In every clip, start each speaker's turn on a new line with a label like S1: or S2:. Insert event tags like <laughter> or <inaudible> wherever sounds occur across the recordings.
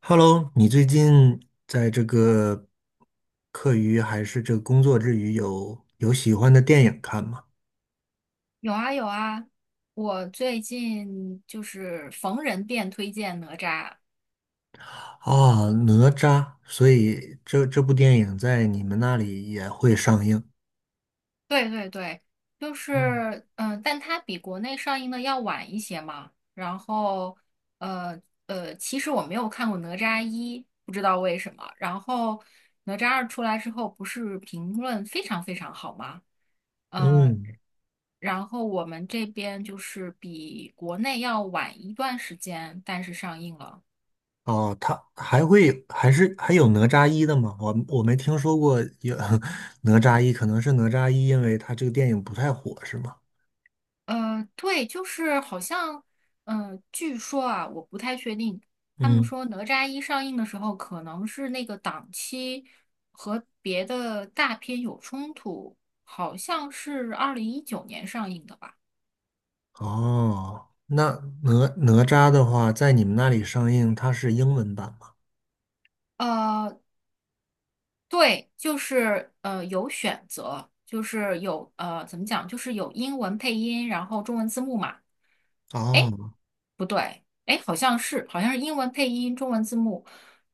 S1: Hello，你最近在这个课余还是这个工作之余有喜欢的电影看吗？
S2: 有啊有啊，我最近就是逢人便推荐哪吒，
S1: 啊，哪吒，所以这部电影在你们那里也会上映。
S2: 对对对，就是
S1: 嗯。
S2: 但它比国内上映的要晚一些嘛。然后呃其实我没有看过哪吒一，不知道为什么。然后哪吒二出来之后，不是评论非常非常好吗？呃，
S1: 嗯。
S2: 然后我们这边就是比国内要晚一段时间，但是上映了。
S1: 哦，它还会有还是还有哪吒一的吗？我没听说过有 <laughs> 哪吒一，可能是哪吒一，因为它这个电影不太火，是吗？
S2: 对，就是好像，据说啊，我不太确定。他们
S1: 嗯。
S2: 说《哪吒一》上映的时候，可能是那个档期和别的大片有冲突，好像是2019年上映的吧？
S1: 哦，那哪哪吒的话，在你们那里上映，它是英文版吗？
S2: 呃，对，就是有选择，就是有怎么讲，就是有英文配音，然后中文字幕嘛。
S1: 哦。
S2: 不对，哎，好像是英文配音，中文字幕。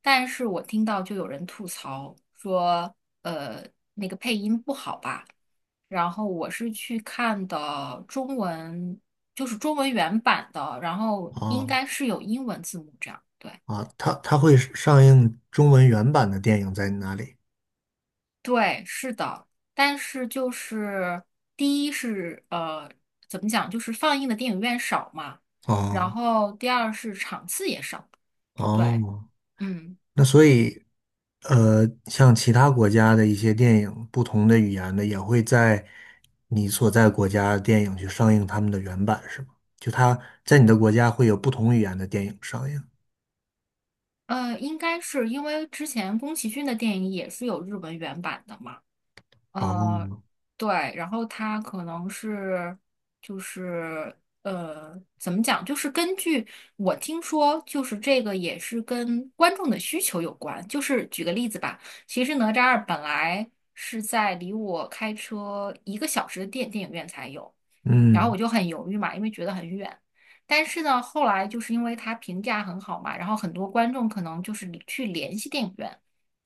S2: 但是我听到就有人吐槽说，呃，那个配音不好吧？然后我是去看的中文，就是中文原版的，然后应
S1: 哦，
S2: 该是有英文字幕这样。对，
S1: 啊，它它会上映中文原版的电影在哪里？
S2: 对，是的。但是就是第一是怎么讲，就是放映的电影院少嘛，然
S1: 哦。
S2: 后第二是场次也少。对，
S1: 哦，
S2: 嗯。
S1: 那所以，像其他国家的一些电影，不同的语言的也会在你所在国家的电影去上映他们的原版，是吗？就它在你的国家会有不同语言的电影上映。
S2: 应该是因为之前宫崎骏的电影也是有日文原版的嘛，呃，
S1: 哦。
S2: 对，然后他可能是就是怎么讲，就是根据我听说，就是这个也是跟观众的需求有关。就是举个例子吧，其实哪吒二本来是在离我开车1个小时的电影院才有。然后
S1: 嗯。
S2: 我就很犹豫嘛，因为觉得很远。但是呢，后来就是因为它评价很好嘛，然后很多观众可能就是去联系电影院，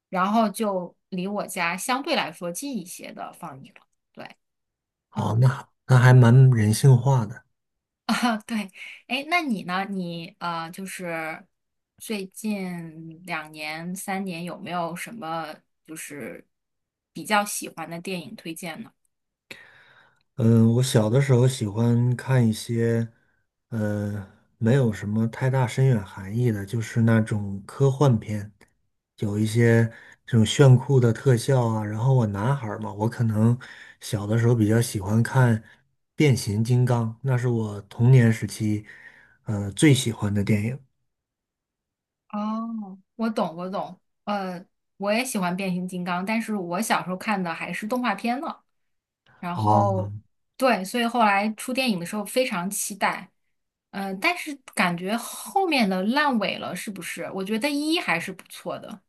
S2: 然后就离我家相对来说近一些的放映了。对，
S1: 好，
S2: 嗯，
S1: 那还那还蛮人性化的。
S2: <laughs> 啊，对，哎，那你呢？你就是最近2年、3年有没有什么就是比较喜欢的电影推荐呢？
S1: 嗯，我小的时候喜欢看一些，呃，没有什么太大深远含义的，就是那种科幻片，有一些这种炫酷的特效啊。然后我男孩儿嘛，我可能小的时候比较喜欢看《变形金刚》，那是我童年时期，最喜欢的电影。
S2: 哦，我懂，我懂。呃，我也喜欢变形金刚，但是我小时候看的还是动画片呢。然
S1: 哦。
S2: 后，对，所以后来出电影的时候非常期待。嗯，但是感觉后面的烂尾了，是不是？我觉得一还是不错的。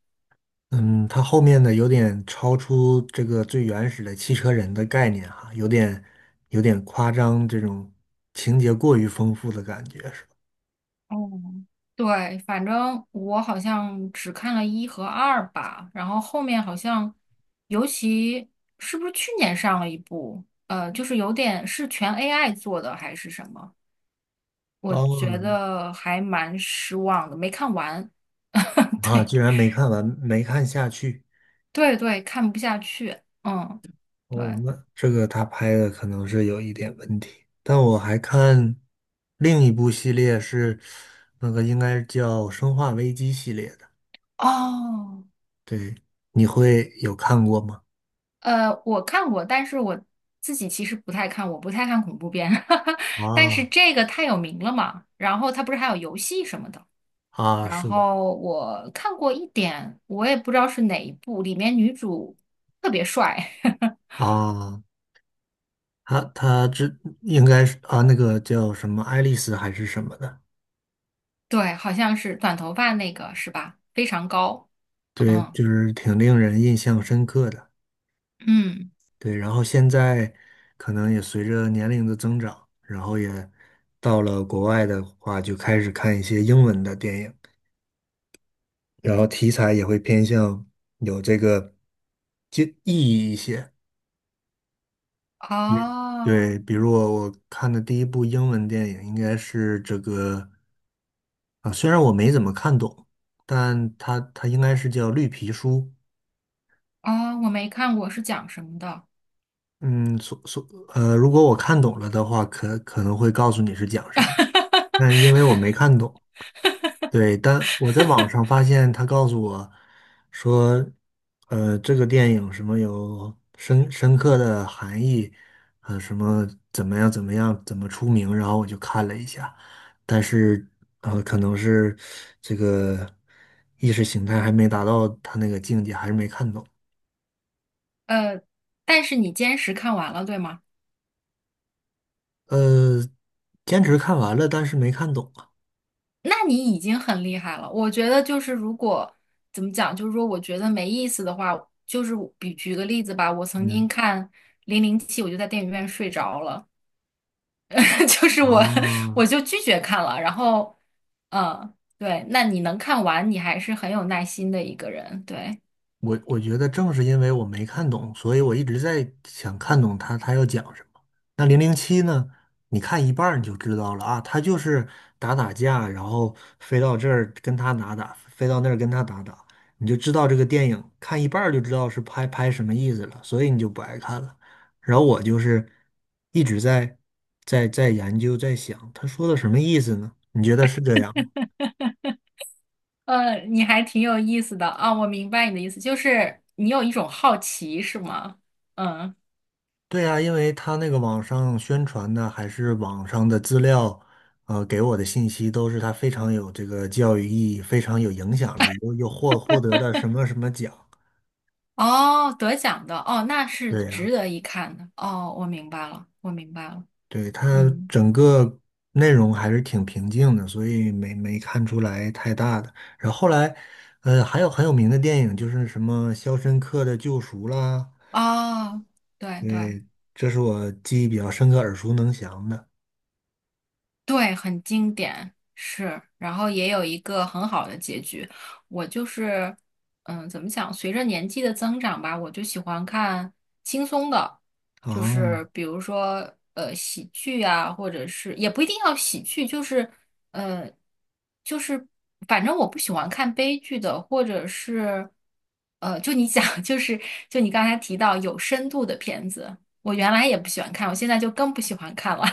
S1: 嗯，它后面的有点超出这个最原始的汽车人的概念哈，有点夸张，这种情节过于丰富的感觉是吧？
S2: 哦，对，反正我好像只看了一和二吧，然后后面好像，尤其是不是去年上了一部，就是有点是全 AI 做的还是什么？我觉
S1: 哦。
S2: 得还蛮失望的，没看完。<laughs>
S1: 啊，
S2: 对
S1: 居然没看完，没看下去。
S2: 对对，看不下去。嗯，对。
S1: 哦，那这个他拍的可能是有一点问题。但我还看另一部系列是那个应该叫《生化危机》系列的，
S2: 哦，
S1: 对，你会有看过吗？
S2: 我看过，但是我自己其实不太看，我不太看恐怖片。<laughs> 但是
S1: 啊。
S2: 这个太有名了嘛，然后它不是还有游戏什么的，
S1: 啊，
S2: 然
S1: 是的
S2: 后我看过一点，我也不知道是哪一部，里面女主特别帅，<laughs>
S1: 啊。他这应该是啊，那个叫什么爱丽丝还是什么的，
S2: 对，好像是短头发那个是吧？非常高。
S1: 对，
S2: 嗯
S1: 就是挺令人印象深刻的。
S2: 嗯。
S1: 对，然后现在可能也随着年龄的增长，然后也到了国外的话，就开始看一些英文的电影，然后题材也会偏向有这个就意义一些。比
S2: 哦
S1: 对，比如我看的第一部英文电影应该是这个啊，虽然我没怎么看懂，但它应该是叫《绿皮书》。
S2: 哦，我没看过，是讲什么的？
S1: 嗯，如果我看懂了的话，可能会告诉你是讲什么，但因为
S2: <laughs>
S1: 我没看懂，对，但我在网上发现他告诉我说，这个电影什么有深刻的含义，什么怎么样怎么样怎么出名，然后我就看了一下，但是可能是这个意识形态还没达到他那个境界，还是没看懂。
S2: 呃，但是你坚持看完了，对吗？
S1: 呃，坚持看完了，但是没看懂啊。
S2: 那你已经很厉害了。我觉得就是如果怎么讲，就是说我觉得没意思的话，就是比举个例子吧，我曾
S1: 嗯。
S2: 经看《007》，我就在电影院睡着了，<laughs> 就是我
S1: 啊，
S2: 就拒绝看了。然后，嗯，对，那你能看完，你还是很有耐心的一个人，对。
S1: 我我觉得正是因为我没看懂，所以我一直在想看懂他要讲什么。那零零七呢？你看一半儿你就知道了啊，他就是打打架，然后飞到这儿跟他打打，飞到那儿跟他打打，你就知道这个电影看一半儿就知道是拍什么意思了，所以你就不爱看了。然后我就是一直在在研究在想他说的什么意思呢？你觉得是这样吗？
S2: 你还挺有意思的啊，我明白你的意思，就是你有一种好奇，是吗？嗯，
S1: 对呀，因为他那个网上宣传的还是网上的资料，给我的信息都是他非常有这个教育意义，非常有影响力，又获得了什么什么奖。
S2: 哦，得奖的，哦，那是
S1: 对呀，
S2: 值得一看的，哦，我明白了，我明白了，
S1: 对，他
S2: 嗯，
S1: 整个内容还是挺平静的，所以没看出来太大的。然后后来，还有很有名的电影就是什么《肖申克的救赎》啦，
S2: 哦，对对。
S1: 对，这是我记忆比较深刻、耳熟能详的。
S2: 对，很经典，是，然后也有一个很好的结局。我就是，嗯，怎么讲？随着年纪的增长吧，我就喜欢看轻松的，就
S1: 啊。
S2: 是比如说喜剧啊，或者是也不一定要喜剧，就是呃就是反正我不喜欢看悲剧的，或者是就你讲 <laughs> 就是就你刚才提到有深度的片子，我原来也不喜欢看，我现在就更不喜欢看了。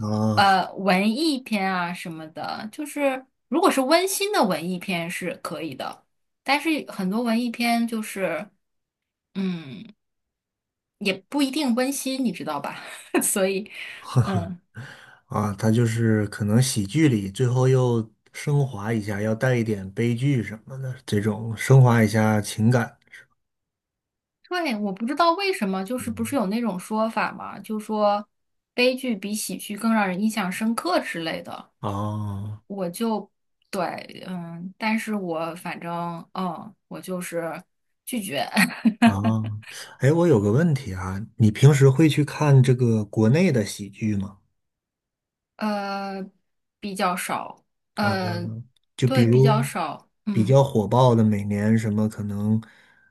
S1: 啊，
S2: 文艺片啊什么的，就是如果是温馨的文艺片是可以的，但是很多文艺片就是，嗯，也不一定温馨，你知道吧？<laughs> 所以，嗯，
S1: 啊，他就是可能喜剧里最后又升华一下，要带一点悲剧什么的，这种升华一下情感。
S2: 对，我不知道为什么，就是不是
S1: 嗯。
S2: 有那种说法嘛，就说悲剧比喜剧更让人印象深刻之类的，
S1: 啊
S2: 我就对，嗯，但是我反正，嗯，我就是拒绝。
S1: 啊。
S2: <laughs>
S1: 哎，我有个问题啊，你平时会去看这个国内的喜剧吗？
S2: 呃，比较少，
S1: 啊，
S2: 呃，
S1: 就比
S2: 对，比较
S1: 如
S2: 少，
S1: 比
S2: 嗯，
S1: 较火爆的，每年什么可能，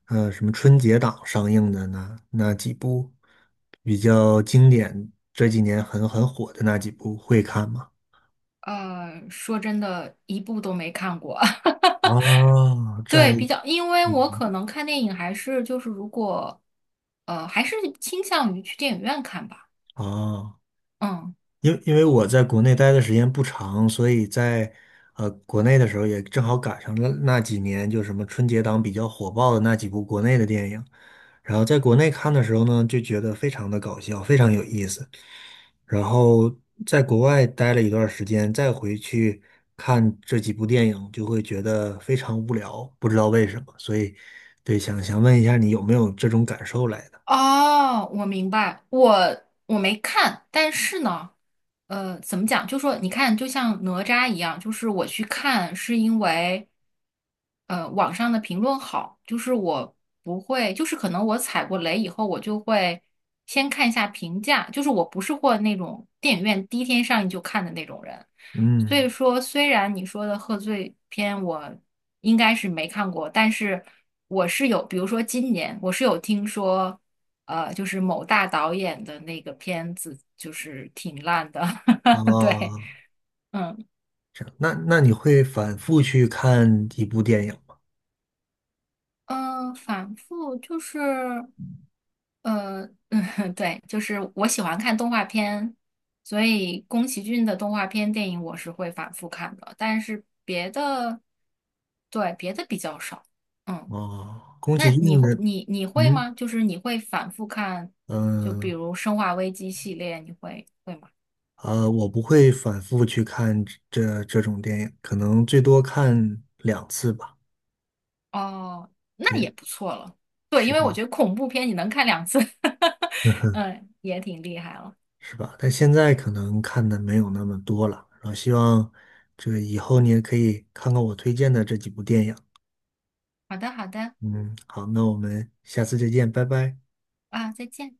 S1: 什么春节档上映的那几部比较经典，这几年很火的那几部会看吗？
S2: 说真的，一部都没看过。<laughs>
S1: 哦，这还
S2: 对，比较，因为我
S1: 嗯。
S2: 可能看电影还是就是如果，还是倾向于去电影院看吧。
S1: 哦，
S2: 嗯。
S1: 因因为我在国内待的时间不长，所以在国内的时候也正好赶上了那几年，就什么春节档比较火爆的那几部国内的电影，然后在国内看的时候呢，就觉得非常的搞笑，非常有意思。然后在国外待了一段时间，再回去看这几部电影，就会觉得非常无聊，不知道为什么。所以，对，想问一下你有没有这种感受来的？
S2: 哦，我明白，我没看，但是呢，怎么讲？就说你看，就像哪吒一样，就是我去看是因为，网上的评论好，就是我不会，就是可能我踩过雷以后，我就会先看一下评价，就是我不是或那种电影院第一天上映就看的那种人，所以
S1: 嗯。
S2: 说，虽然你说的贺岁片我应该是没看过，但是我是有，比如说今年我是有听说。就是某大导演的那个片子，就是挺烂的。<laughs> 对，
S1: 啊。
S2: 嗯
S1: 这样那你会反复去看一部电影吗？
S2: 嗯，反复就是呃，<laughs> 嗯，对，就是我喜欢看动画片，所以宫崎骏的动画片电影我是会反复看的，但是别的，对，别的比较少。嗯，
S1: 哦，宫
S2: 那
S1: 崎
S2: 你
S1: 骏
S2: 会
S1: 的。
S2: 你会
S1: 嗯。
S2: 吗？就是你会反复看，就比
S1: 嗯
S2: 如《生化危机》系列，你会吗？
S1: 我不会反复去看这种电影，可能最多看两次吧，
S2: 哦，那
S1: 对，
S2: 也不错了。对，
S1: 是
S2: 因为我
S1: 吧？
S2: 觉得恐怖片你能看2次，<laughs>
S1: <laughs> 嗯哼。
S2: 嗯，也挺厉害了。
S1: 是吧？但现在可能看的没有那么多了，然后希望这个以后你也可以看看我推荐的这几部电影。
S2: 好的，好的，
S1: 嗯，好，那我们下次再见，拜拜。
S2: 啊，再见。